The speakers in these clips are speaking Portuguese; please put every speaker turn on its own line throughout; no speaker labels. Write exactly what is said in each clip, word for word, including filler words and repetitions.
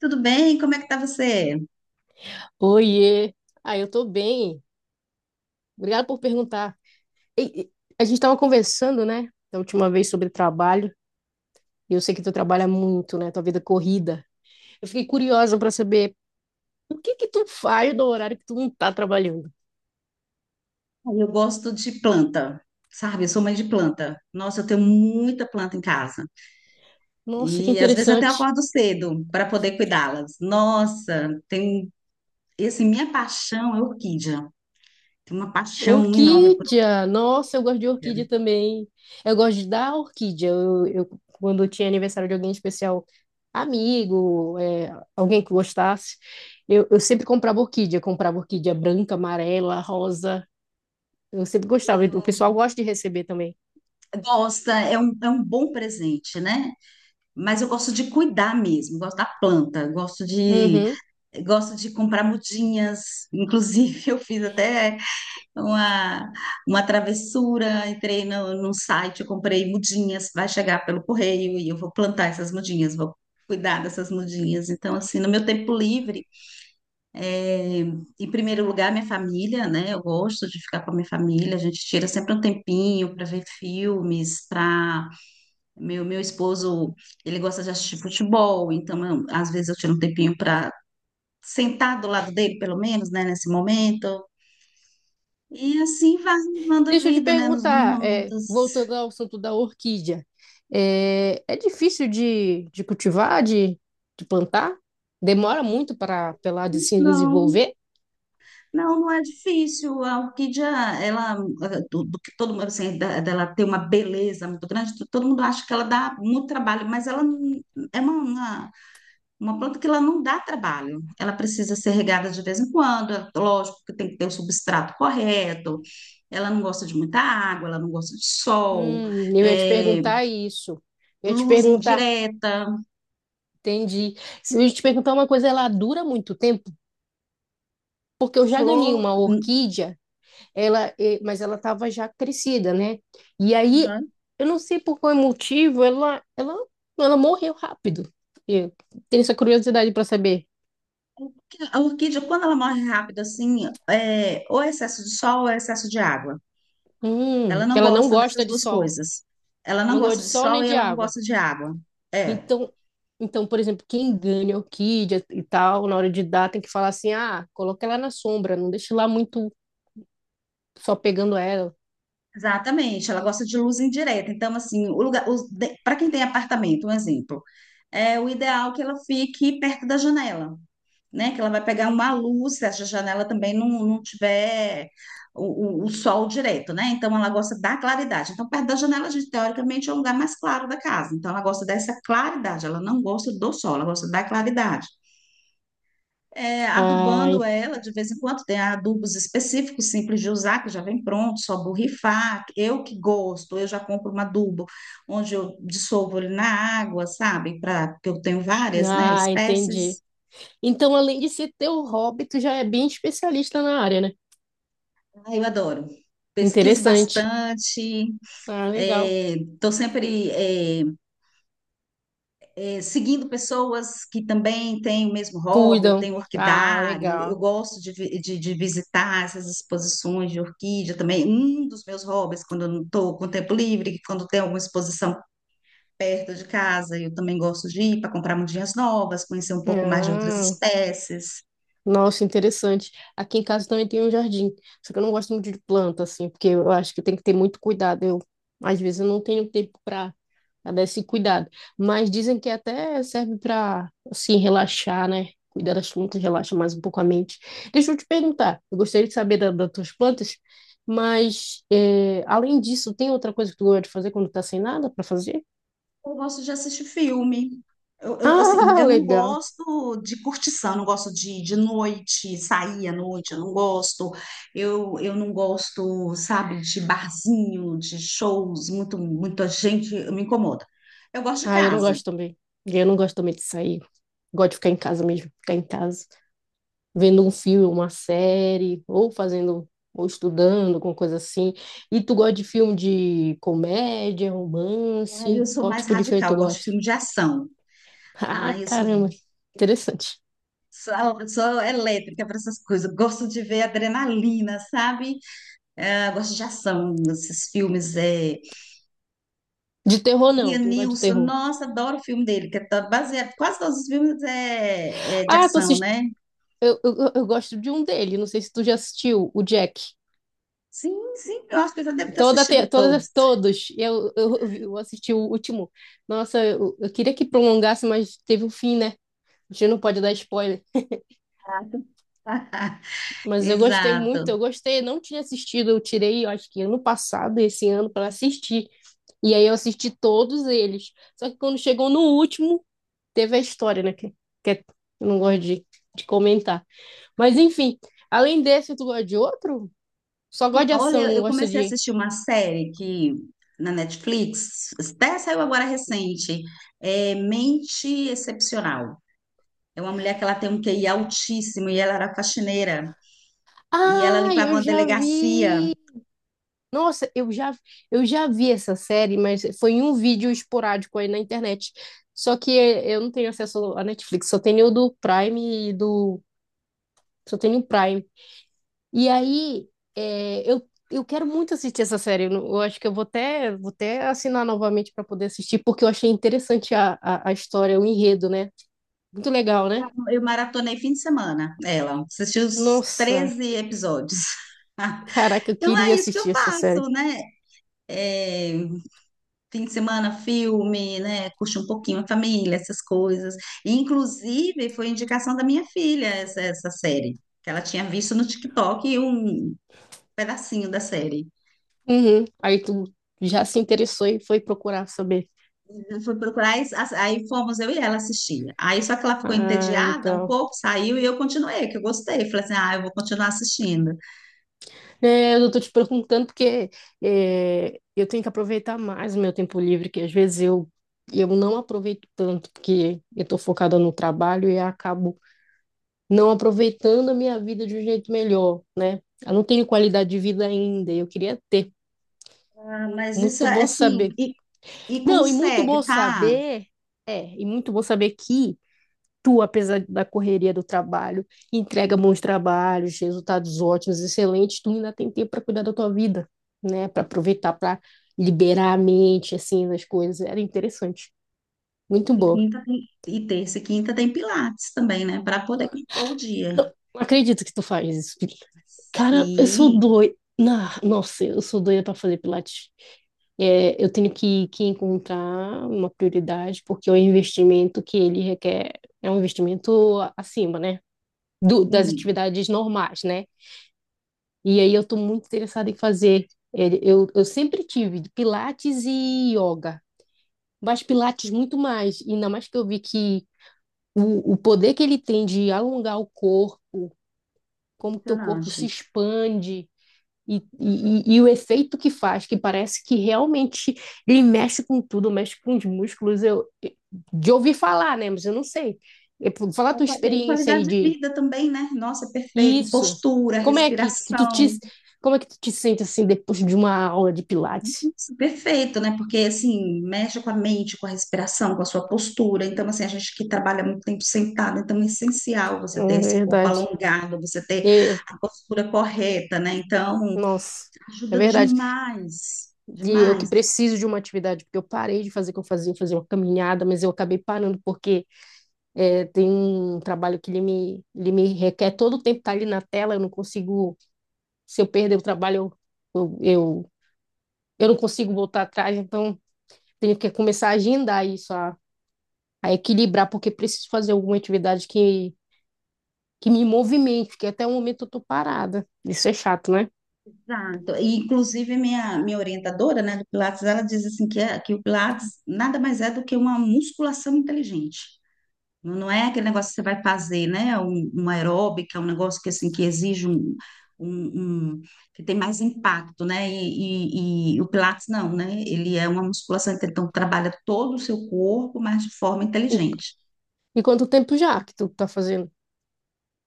Tudo bem? Como é que tá você?
Oiê! Ah, eu tô bem. Obrigada por perguntar. E- e- a gente estava conversando, né, da última vez sobre trabalho. E eu sei que tu trabalha muito, né, tua vida é corrida. Eu fiquei curiosa para saber o que que tu faz no horário que tu não tá trabalhando.
Ah, Eu gosto de planta, sabe? Eu sou mãe de planta. Nossa, eu tenho muita planta em casa.
Nossa, que
E às vezes até eu
interessante.
acordo cedo para poder cuidá-las. Nossa, tem e, assim, minha paixão é orquídea. Tenho uma paixão enorme por
Orquídea, nossa, eu gosto de
orquídea.
orquídea também. Eu gosto de dar orquídea. Eu, eu- quando tinha aniversário de alguém especial, amigo, é, alguém que gostasse, eu, eu sempre comprava orquídea. Comprava orquídea branca, amarela, rosa. Eu sempre gostava. O pessoal gosta de receber também.
Gosta, é um, é um bom presente, né? Mas eu gosto de cuidar mesmo, gosto da planta, gosto de
Uhum.
gosto de comprar mudinhas. Inclusive, eu fiz até uma, uma travessura, entrei no, num site, eu comprei mudinhas, vai chegar pelo correio e eu vou plantar essas mudinhas, vou cuidar dessas mudinhas. Então, assim, no meu tempo livre, é, em primeiro lugar, minha família, né? Eu gosto de ficar com a minha família, a gente tira sempre um tempinho para ver filmes, para... Meu, meu esposo, ele gosta de assistir futebol, então eu- às vezes eu tiro um tempinho para sentar do lado dele, pelo menos, né, nesse momento, e assim vai levando a
Deixa eu te
vida, né? Nos
perguntar, é,
momentos.
voltando ao assunto da orquídea, é, é difícil de, de cultivar, de, de plantar? Demora muito para ela de se
Não,
desenvolver?
não, não é difícil. A orquídea, ela, ah, do, do que todo mundo, assim, da- dela tem uma beleza muito grande, to- todo mundo acha que ela dá muito trabalho, mas ela n- é uma, uma, uma planta que ela não dá trabalho. Ela precisa ser regada de vez em quando, é lógico que tem que ter o substrato correto. Ela não gosta de muita água, ela não gosta de sol,
Hum, eu ia te
é,
perguntar isso. Eu ia te
luz
perguntar,
indireta,
entendi. Se eu ia te perguntar uma coisa, ela dura muito tempo? Porque eu já ganhei
flor.
uma orquídea, ela, eh, mas ela estava já crescida, né? E aí, eu não sei por qual motivo, ela, ela, ela morreu rápido. Eu tenho essa curiosidade para saber.
A orquídea, quando ela morre rápido, assim, é, ou é excesso de sol ou é excesso de água. Ela
Hum,
não
ela não
gosta
gosta
dessas
de
duas
sol.
coisas. Ela não
Não gosta
gosta
de
de
sol
sol
nem
e
de
ela não
água.
gosta de água. É,
Então, então, por exemplo, quem ganha o Kid e tal, na hora de dar, tem que falar assim: ah, coloca ela na sombra, não deixe lá muito só pegando ela.
exatamente. Ela gosta de luz indireta. Então, assim, o lugar, para quem tem apartamento, um exemplo, é o ideal que ela fique perto da janela, né? Que ela vai pegar uma luz, se essa janela também não, não tiver o, o, o sol direto, né? Então ela gosta da claridade. Então, perto da janela, a gente, teoricamente, é o lugar mais claro da casa. Então, ela gosta dessa claridade, ela não gosta do sol, ela gosta da claridade. É,
Ah,
adubando
en-
ela de vez em quando, tem adubos específicos, simples de usar, que já vem pronto, só borrifar. Eu que gosto, eu já compro um adubo onde eu dissolvo ele na água, sabe? Pra, porque eu tenho várias, né,
ah, entendi.
espécies.
Então, além de ser teu hobby, tu já é bem especialista na área, né?
Ah, eu adoro. Pesquiso
Interessante.
bastante,
Ah, legal.
estou sempre é, é, seguindo pessoas que também têm o mesmo hobby, eu
Cuidam.
tenho
Ah,
orquidário, eu
legal.
gosto de, vi- de, de visitar essas exposições de orquídea também. Um dos meus hobbies, quando eu não estou com tempo livre, quando tem alguma exposição perto de casa, eu também gosto de ir para comprar mudinhas novas, conhecer um pouco mais de outras
Ah.
espécies.
Nossa, interessante. Aqui em casa também tem um jardim, só que eu não gosto muito de planta, assim, porque eu acho que tem que ter muito cuidado. Eu, às vezes, eu não tenho tempo para dar esse cuidado. Mas dizem que até serve para, assim, relaxar, né? Cuidar das plantas relaxa mais um pouco a mente. Deixa eu te perguntar, eu gostaria de saber da, das tuas plantas, mas, é, além disso, tem outra coisa que tu gosta de fazer quando tá sem nada para fazer?
Eu gosto de assistir filme. Eu, eu, assim,
Ah,
eu não
legal.
gosto de curtição, eu não gosto de, de noite, sair à noite, eu não gosto. Eu, eu não gosto, sabe, de barzinho, de shows, muito, muita gente, eu me incomoda. Eu gosto de
Ah, eu não
casa.
gosto também. Eu não gosto também de sair. Gosto de ficar em casa mesmo, ficar em casa, vendo um filme, uma série, ou fazendo, ou estudando, alguma coisa assim. E tu gosta de filme de comédia,
Aí eu
romance?
sou
Qual
mais
tipo de filme
radical,
tu
eu gosto de
gosta?
filme de ação. Ah,
Ah,
eu sou,
caramba, interessante.
sou, sou elétrica para essas coisas. Eu gosto de ver adrenalina, sabe? Eh, gosto de ação, esses filmes. É,
De terror, não, tu não gosta de
Lianilson,
terror.
nossa, adoro o filme dele, que é tá baseado, quase todos os filmes é, é de
Ah, tu
ação,
assist...
né?
eu, eu, eu- eu gosto de um dele, não sei se tu já assistiu, o Jack.
Sim, sim, eu acho que eu já devo ter
Toda te...
assistido
Todas,
todos.
as- todos, eu, eu, eu vi- eu assisti o último. Nossa, eu, eu queria que prolongasse, mas teve o fim, né? A gente não pode dar spoiler. Mas eu gostei
Exato.
muito,
Exato.
eu gostei, eu não tinha assistido, eu tirei, eu acho que ano passado, esse ano, para assistir. E aí eu assisti todos eles. Só que quando chegou no último, teve a história, né? Que, que é- eu não gosto de, de, comentar. Mas enfim, além desse, tu gosta de outro? Só gosta de ação,
Olha,
não
eu
gosta
comecei a
de.
assistir uma série que na Netflix, até saiu agora recente, é Mente Excepcional. É uma mulher que ela tem um Q I altíssimo e ela era faxineira e ela
Ah,
limpava
eu
uma
já
delegacia.
vi. Nossa, eu já, eu já vi essa série, mas foi em um vídeo esporádico aí na internet. Só que eu não tenho acesso à Netflix, só tenho o do Prime e do Só tem no Prime. E aí, é, eu, eu quero muito assistir essa série. Eu, não- eu acho que eu vou até, vou até, assinar novamente para poder assistir, porque eu achei interessante a, a, a história, o enredo, né? Muito legal, né?
Eu maratonei fim de semana, ela. Assisti os
Nossa,
treze episódios.
caraca, eu
Então é
queria
isso que eu
assistir essa
faço,
série.
né? É, fim de semana, filme, né? Curte um pouquinho a família, essas coisas. Inclusive, foi indicação da minha filha essa, essa série, que ela tinha visto no TikTok um pedacinho da série.
Uhum. Aí tu já se interessou e foi procurar saber.
Eu fui procurar, e as- aí fomos eu e ela assistir. Aí só que ela ficou
Ah,
entediada um
legal.
pouco, saiu e eu continuei, que eu gostei. Falei assim, ah, eu vou continuar assistindo.
É, eu tô te perguntando porque é, eu tenho que aproveitar mais o meu tempo livre, que às vezes eu, eu não aproveito tanto, porque eu tô focada no trabalho e acabo não aproveitando a minha vida de um jeito melhor, né? Eu não tenho qualidade de vida ainda, e eu queria ter.
Ah, mas isso
Muito
é
bom
assim,
saber.
e, e
Não, e muito
consegue,
bom
tá?
saber, é, e muito bom saber que tu, apesar da correria do trabalho, entrega bons trabalhos, resultados ótimos, excelentes, tu ainda tem tempo para cuidar da tua vida, né? Para aproveitar, para liberar a mente, assim, das coisas. Era interessante. Muito
E
bom.
Quinta tem- e terça e quinta tem pilates também, né? Para poder compor o
Não,
dia.
não acredito que tu faz isso. Felipe. Cara, eu sou
Sim,
doida. Ah, nossa, eu sou doida para fazer pilates. É, eu tenho que, que, encontrar uma prioridade, porque o investimento que ele requer é um investimento acima, né? Do, das
sim,
atividades normais, né? E aí eu estou muito interessada em fazer. Ele- Eu, eu sempre tive pilates e yoga, mas pilates muito mais. E ainda mais que eu vi que o, o, poder que ele tem de alongar o corpo, como teu corpo se
impressionante.
expande e, e, e e o efeito que faz, que parece que realmente ele mexe com tudo, mexe com os músculos. Eu, de ouvir falar, né? Mas eu não sei. Eu Fala a
É
tua
qua- é
experiência
qualidade
aí
de
de.
vida também, né? Nossa, é perfeito.
Isso.
Postura,
Como é que, que tu te,
respiração.
Como é que tu te sente assim depois de uma aula de Pilates?
Nossa, perfeito, né? Porque assim, mexe com a mente, com a respiração, com a sua postura. Então, assim, a gente que trabalha muito tempo sentado, então é essencial você ter
É
esse corpo
verdade.
alongado, você ter
Eu,
a postura correta, né? Então,
nossa, é
ajuda
verdade.
demais,
E eu que
demais.
preciso de uma atividade, porque eu parei de fazer o que eu fazia, eu fazia uma caminhada, mas eu acabei parando porque é, tem um trabalho que ele me, ele me, requer todo o tempo estar ali na tela, eu não consigo, se eu perder o trabalho, eu, eu, eu, eu, não consigo voltar atrás, então tenho que começar a agendar isso, a, a, equilibrar, porque preciso fazer alguma atividade que que me movimente, que até o momento eu tô parada. Isso é chato, né?
Exato. E, inclusive, minha, minha orientadora, né, do Pilates, ela diz assim que, é- que o Pilates nada mais é do que uma musculação inteligente. Não, não é aquele negócio que você vai fazer, né? Um, uma aeróbica, um negócio que assim que exige um, um, um- que tem mais impacto, né? E, e, e o Pilates não, né? Ele é uma musculação inteligente, então trabalha todo o seu corpo, mas de forma
E,
inteligente.
e quanto tempo já que tu tá fazendo?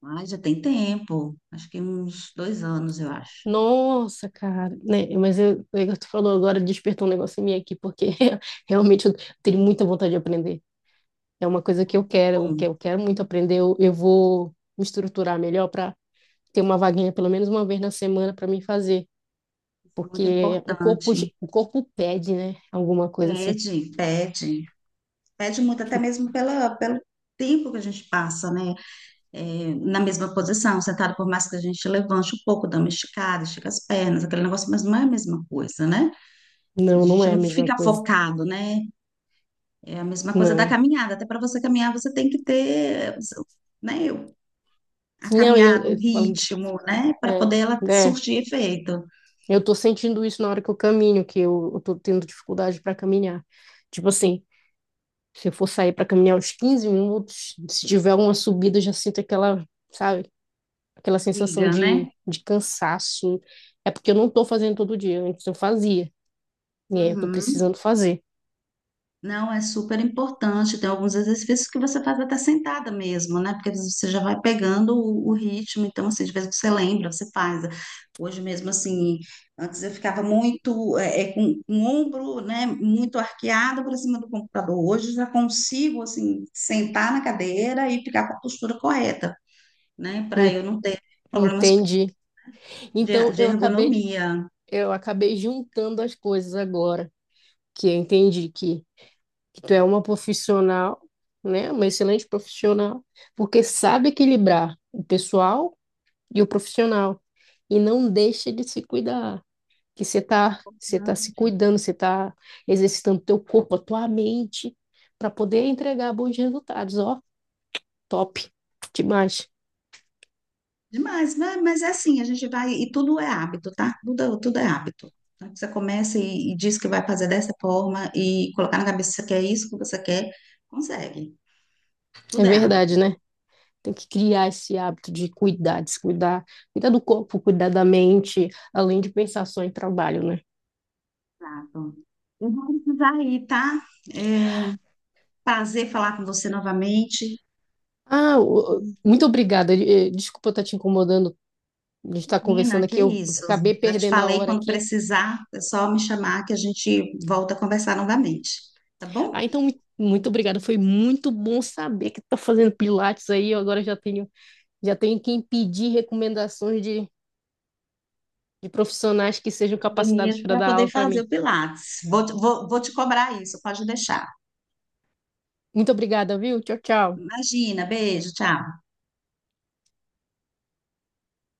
Mas já tem tempo, acho que uns dois anos, eu acho.
Nossa, cara, né? Mas eu, eu- tu falou agora, despertou um negócio em mim aqui, porque realmente eu tenho muita vontade de aprender. É uma coisa que eu quero, eu
Bom.
que eu quero muito aprender. Eu, eu vou me estruturar melhor para ter uma vaguinha pelo menos uma vez na semana para mim fazer,
Muito
porque
importante.
o corpo, ge- o corpo pede, né? Alguma coisa assim.
Pede, pede. Pede muito, até mesmo pela, pelo tempo que a gente passa, né? É, na mesma posição, sentado, por mais que a gente levante um pouco, dá uma esticada, estica as pernas, aquele negócio, mas não é a mesma coisa, né? A
Não, não
gente
é a
não
mesma
fica
coisa,
focado, né? É a mesma coisa da
não.
caminhada. Até para você caminhar, você tem que ter, né? A
Não, eu,
caminhada, o
eu falando de,
ritmo, né? Para
é,
poder ela
né?
surtir efeito.
Eu tô sentindo isso na hora que eu caminho, que eu, eu tô tendo dificuldade para caminhar. Tipo assim, se eu for sair para caminhar uns quinze minutos, se tiver uma subida, eu já sinto aquela, sabe, aquela sensação
Siga, né?
de, de cansaço. É porque eu não tô fazendo todo dia, antes eu fazia, e aí eu tô
Uhum.
precisando fazer.
Não, é super importante. Tem alguns exercícios que você faz até sentada mesmo, né? Porque você já vai pegando o, o ritmo. Então, assim, de vez que você lembra, você faz. Hoje mesmo, assim, antes eu ficava muito é, é, com, com o ombro, né? Muito arqueado para cima do computador. Hoje eu já consigo, assim, sentar na cadeira e ficar com a postura correta, né? Para
En-
eu não ter problemas
Entendi.
de,
Então
de
eu acabei
ergonomia.
eu acabei juntando as coisas agora, que eu entendi que que tu é uma profissional, né? Uma excelente profissional, porque sabe equilibrar o pessoal e o profissional. E não deixa de se cuidar, que você tá, você tá se cuidando, você tá exercitando teu corpo, a tua mente, para poder entregar bons resultados, ó, top, demais.
Demais, né? Mas é assim, a gente vai, e tudo é hábito, tá? Tudo, tudo é hábito. Então, você começa e, e diz que vai fazer dessa forma e colocar na cabeça que é isso que você quer, consegue.
É
Tudo é hábito.
verdade, né? Tem que criar esse hábito de cuidar, de se cuidar, cuidar do corpo, cuidar da mente, além de pensar só em trabalho, né?
Exato. Eu vou precisar ir, tá? É, prazer falar com você novamente.
Ah, o- o- muito obrigada. Eh, Desculpa estar te incomodando. A gente está conversando
Nina, que
aqui, eu
isso.
acabei
Já te
perdendo a
falei,
hora
quando
aqui.
precisar, é só me chamar que a gente volta a conversar novamente, tá
Ah,
bom?
então, mui- muito obrigada. Foi muito bom saber que tu tá fazendo pilates aí. Eu agora já tenho, já tenho, quem pedir recomendações de, de profissionais que sejam capacitados
Academias
para
para
dar
poder
aula para
fazer
mim.
o Pilates. Vou, vou, vou te cobrar isso, pode deixar.
Muito obrigada, viu? Tchau, tchau.
Imagina, beijo, tchau.